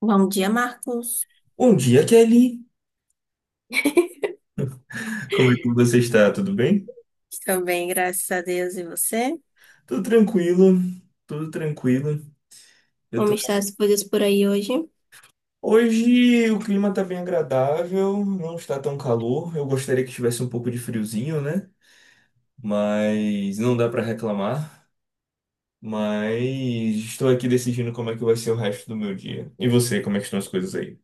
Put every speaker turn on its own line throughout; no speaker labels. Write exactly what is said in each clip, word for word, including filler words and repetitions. Bom dia, Marcos.
Bom dia, Kelly. Como é que você está? Tudo bem?
Estou bem, graças a Deus. E você?
Tudo tranquilo, tudo tranquilo. Eu
Como
tô...
estão as coisas por aí hoje?
Hoje o clima tá bem agradável, não está tão calor. Eu gostaria que tivesse um pouco de friozinho, né? Mas não dá para reclamar. Mas estou aqui decidindo como é que vai ser o resto do meu dia. E você, como é que estão as coisas aí?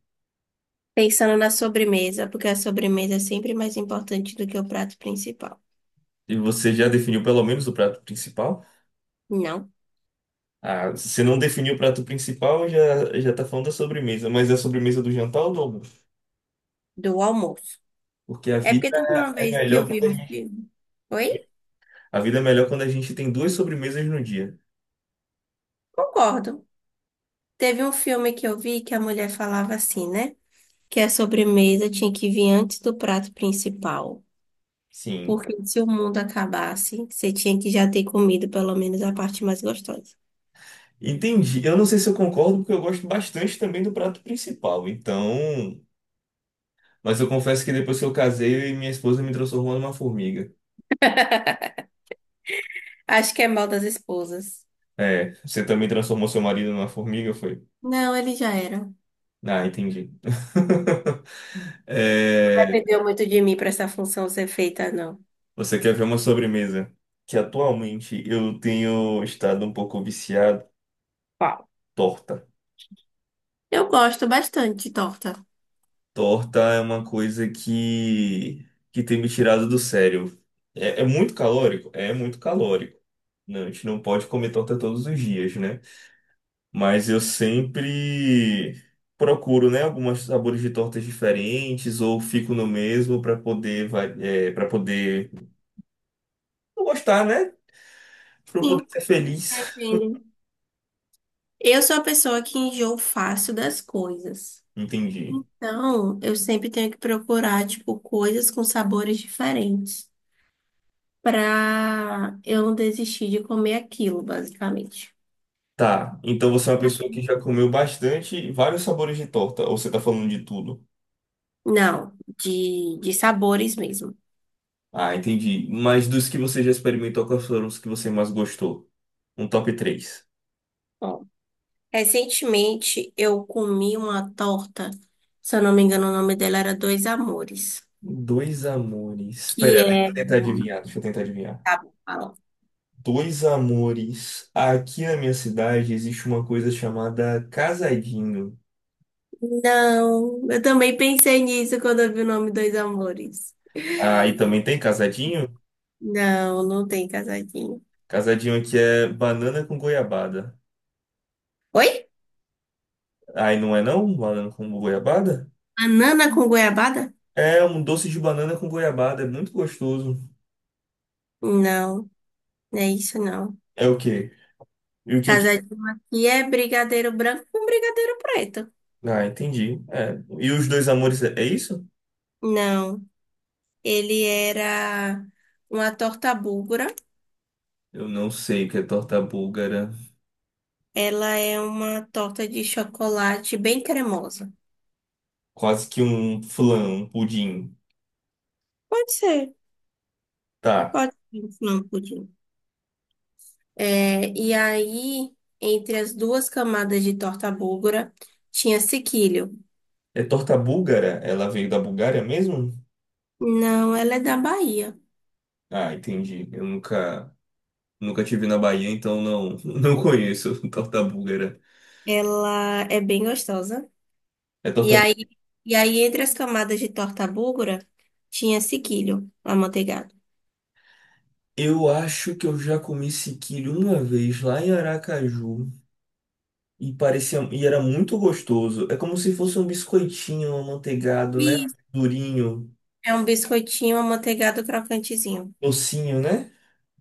Pensando na sobremesa, porque a sobremesa é sempre mais importante do que o prato principal.
E você já definiu pelo menos o prato principal?
Não,
Ah, se não definiu o prato principal, já já tá falando da sobremesa, mas é a sobremesa do jantar ou do almoço?
do almoço.
Porque a
É porque
vida
teve uma
é é
vez que eu
melhor quando
vi
a
um
gente,
filme. Oi?
a vida é melhor quando a gente tem duas sobremesas no dia.
Concordo. Teve um filme que eu vi que a mulher falava assim, né? Que a sobremesa tinha que vir antes do prato principal.
Sim.
Porque se o mundo acabasse, você tinha que já ter comido pelo menos a parte mais gostosa.
Entendi. Eu não sei se eu concordo, porque eu gosto bastante também do prato principal. Então. Mas eu confesso que depois que eu casei, minha esposa me transformou numa formiga.
Acho que é mal das esposas.
É, você também transformou seu marido numa formiga, foi?
Não, ele já era. Não
Ah, entendi. É,
dependeu muito de mim para essa função ser feita, não.
você quer ver uma sobremesa? Que atualmente eu tenho estado um pouco viciado,
Qual?
torta.
Eu gosto bastante de torta.
Torta é uma coisa que, que tem me tirado do sério. É, é muito calórico? É muito calórico. Não, a gente não pode comer torta todos os dias, né? Mas eu sempre procuro, né, alguns sabores de tortas diferentes ou fico no mesmo para poder, para poder gostar, né? Para poder
Sim,
ser feliz.
entendo. Eu sou a pessoa que enjoo fácil das coisas.
Entendi.
Então, eu sempre tenho que procurar, tipo, coisas com sabores diferentes pra eu não desistir de comer aquilo, basicamente.
Tá, então você é uma pessoa que já comeu bastante vários sabores de torta, ou você tá falando de tudo?
Não, de, de sabores mesmo.
Ah, entendi. Mas dos que você já experimentou, quais foram os que você mais gostou? Um top três.
Recentemente eu comi uma torta, se eu não me engano, o nome dela era Dois Amores,
Dois amores.
que
Pera, deixa
é.
eu tentar adivinhar, deixa eu tentar adivinhar.
Tá bom, fala.
Dois amores. Aqui na minha cidade existe uma coisa chamada casadinho.
Não, eu também pensei nisso quando eu vi o nome Dois Amores.
Ah, e também tem casadinho?
Não, não tem casadinho.
Casadinho aqui é banana com goiabada.
Oi?
Aí não é não? Banana com goiabada?
Banana com goiabada?
É um doce de banana com goiabada, é muito gostoso.
Não, não é isso não.
É o quê? E o que que...
Casadinho aqui é brigadeiro branco com brigadeiro preto.
Ah, entendi. É. E os dois amores, é é isso?
Não, ele era uma torta búlgara.
Eu não sei o que é torta búlgara.
Ela é uma torta de chocolate bem cremosa.
Quase que um flan, um pudim.
Pode ser,
Tá.
pode ser no final pudim. É, e aí, entre as duas camadas de torta búlgara, tinha sequilho.
É torta búlgara? Ela veio da Bulgária mesmo?
Não, ela é da Bahia.
Ah, entendi. Eu nunca, nunca tive na Bahia, então não, não conheço torta búlgara.
Ela é bem gostosa.
É
E
torta bú-
aí, e aí entre as camadas de torta búlgara, tinha sequilho, amanteigado.
Eu acho que eu já comi sequilho uma vez lá em Aracaju e parecia e era muito gostoso. É como se fosse um biscoitinho amanteigado, né?
Isso.
Durinho,
É um biscoitinho amanteigado crocantezinho.
docinho, né?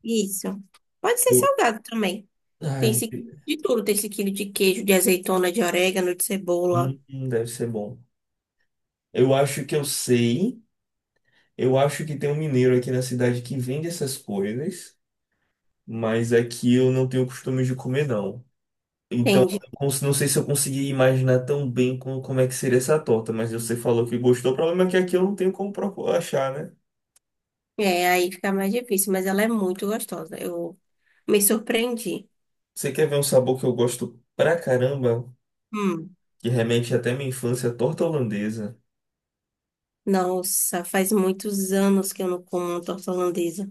Isso. Pode ser
Eu-
salgado também. Tem
Ai,
sequilho de tudo. Tem sequilho de queijo, de azeitona, de orégano, de cebola.
hum, deve ser bom. Eu acho que eu sei. Eu acho que tem um mineiro aqui na cidade que vende essas coisas, mas aqui eu não tenho costume de comer, não. Então,
Tem
eu cons- não sei se eu consegui imaginar tão bem como, como é que seria essa torta, mas você falou que gostou. O problema é que aqui eu não tenho como procu- achar, né?
é, aí fica mais difícil, mas ela é muito gostosa. Eu me surpreendi.
Você quer ver um sabor que eu gosto pra caramba,
Hum.
que remete até minha infância, torta holandesa.
Nossa, faz muitos anos que eu não como uma torta holandesa.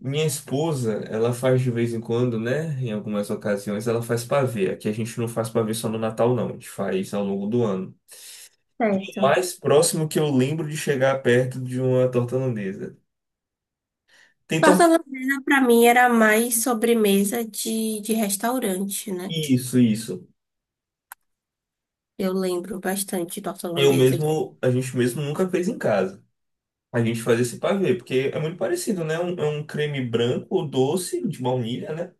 Minha esposa, ela faz de vez em quando, né? Em algumas ocasiões, ela faz pavê. Aqui a gente não faz pavê só no Natal, não. A gente faz ao longo do ano. E o
Certo.
mais próximo que eu lembro de chegar perto de uma torta holandesa. Tem
Torta
torta.
holandesa, pra mim, era mais sobremesa de, de restaurante, né?
Isso, isso.
Eu lembro bastante de torta
Eu
holandesa.
mesmo, a gente mesmo nunca fez em casa. A gente faz esse pavê, porque é muito parecido, né? Um- é um creme branco, doce, de baunilha, né?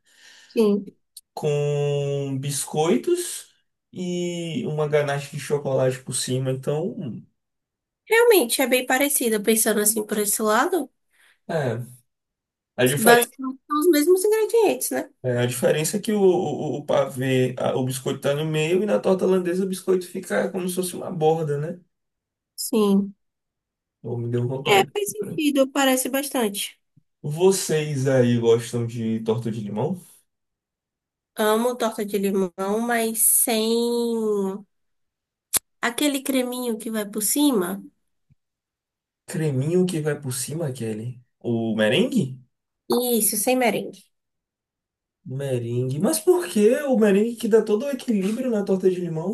Sim.
Com biscoitos e uma ganache de chocolate por cima. Então,
Realmente é bem parecida, pensando assim por esse lado.
é. A diferença,
Basicamente são os mesmos ingredientes, né?
a diferença é que o, o, o pavê, a- o biscoito tá no meio e na torta holandesa o biscoito fica como se fosse uma borda, né?
Sim.
Ou me deu
É,
vontade.
faz sentido, parece bastante.
Vocês aí gostam de torta de limão?
Amo torta de limão, mas sem. Aquele creminho que vai por cima?
Creminho que vai por cima, Kelly. O merengue?
Isso, sem merengue.
Merengue. Mas por que o merengue que dá todo o equilíbrio na torta de limão?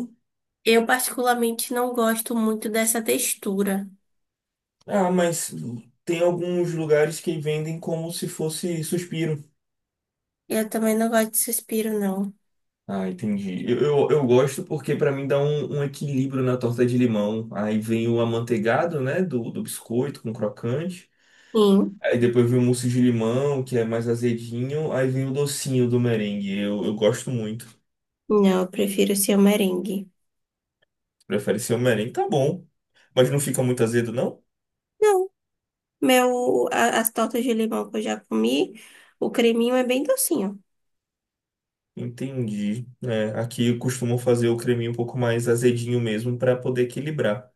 Eu particularmente não gosto muito dessa textura.
Ah, mas tem alguns lugares que vendem como se fosse suspiro.
Eu também não gosto de suspiro, não.
Ah, entendi. Eu, eu, eu gosto porque pra mim dá um, um equilíbrio na torta de limão. Aí vem o amanteigado, né, do, do biscoito com crocante.
Sim,
Aí depois vem o mousse de limão, que é mais azedinho. Aí vem o docinho do merengue. Eu, eu gosto muito.
não, eu prefiro ser o merengue.
Prefere ser Homem-Aranha? Tá bom. Mas não fica muito azedo, não?
Não, meu, a- as tortas de limão que eu já comi, o creminho é bem docinho.
Entendi. É, aqui costumam fazer o creminho um pouco mais azedinho mesmo para poder equilibrar.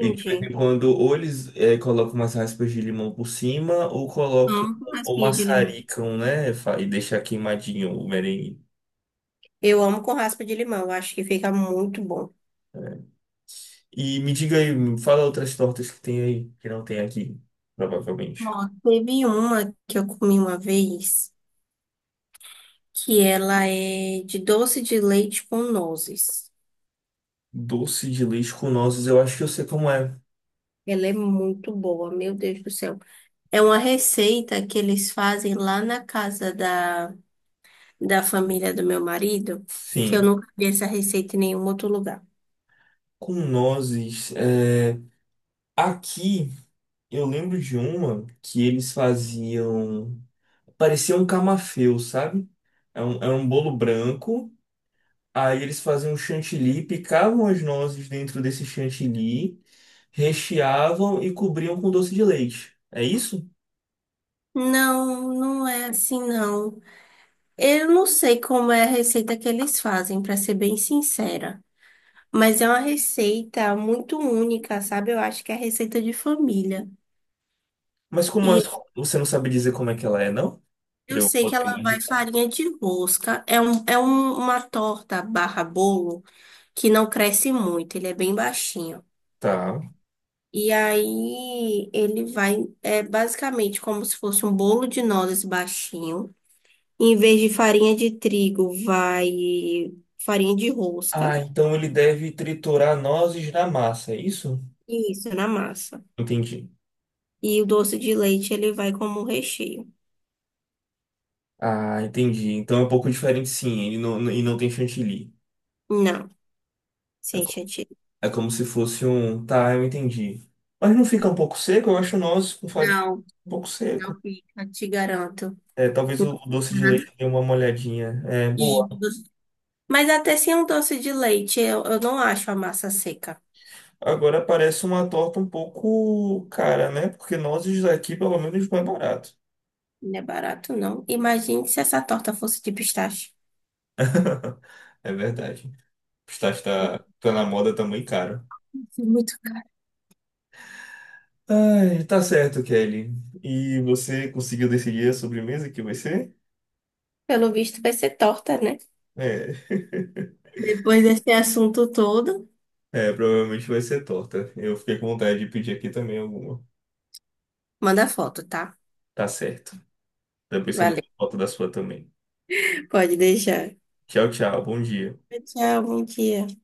E de vez em quando, ou eles é, colocam umas raspas de limão por cima, ou colocam,
Amo com
ou
raspinha de limão.
maçaricam, né? Fa- E deixar queimadinho o merengue.
Eu amo com raspa de limão, eu acho que fica muito bom.
E me diga aí, me fala outras tortas que tem aí, que não tem aqui, provavelmente.
Ó, teve uma que eu comi uma vez, que ela é de doce de leite com nozes.
Doce de leite com nozes, eu acho que eu sei como é.
Ela é muito boa, meu Deus do céu. É uma receita que eles fazem lá na casa da, da família do meu marido, que eu
Sim,
nunca vi essa receita em nenhum outro lugar.
com nozes. É... Aqui. Eu lembro de uma que eles faziam. Parecia um camafeu, sabe? Era um, era um bolo branco. Aí eles faziam um chantilly, picavam as nozes dentro desse chantilly, recheavam e cobriam com doce de leite. É isso?
Não, não é assim, não. Eu não sei como é a receita que eles fazem, para ser bem sincera. Mas é uma receita muito única, sabe? Eu acho que é receita de família.
Mas como as-
E
você não sabe dizer como é que ela é, não? Pra
eu
eu
sei que
poder
ela vai
imaginar.
farinha de rosca. É, um, é um- uma torta barra bolo que não cresce muito, ele é bem baixinho.
Tá.
E aí ele vai, é basicamente como se fosse um bolo de nozes baixinho. Em vez de farinha de trigo, vai farinha de rosca.
Ah, então ele deve triturar nozes na massa, é isso?
Isso, na massa.
Entendi.
E o doce de leite ele vai como um recheio.
Ah, entendi. Então é um pouco diferente, sim. Ele não, e não tem chantilly.
Não, sem chantilly.
É como se fosse um. Tá, eu entendi. Mas não fica um pouco seco? Eu acho o nozes com farinha
Não,
um pouco
não
seco.
fica, te garanto.
É, talvez
Uhum.
o o doce de leite dê uma molhadinha. É,
E,
boa.
doce- mas até sem um doce de leite, eu, eu não acho a massa seca.
Agora parece uma torta um pouco cara, né? Porque nozes aqui pelo menos, não é barato.
Não é barato, não. Imagine se essa torta fosse de pistache.
É verdade. Pistache
Vai
tá, tá na moda também caro.
ser muito caro.
Ai, tá certo, Kelly. E você conseguiu decidir a sobremesa que vai ser?
Pelo visto, vai ser torta, né?
É,
Depois desse assunto todo,
é, provavelmente vai ser torta. Eu fiquei com vontade de pedir aqui também alguma.
manda foto, tá?
Tá certo. Depois você manda
Valeu.
foto da sua também.
Pode deixar.
Tchau, tchau. Bom dia.
Tchau, bom dia.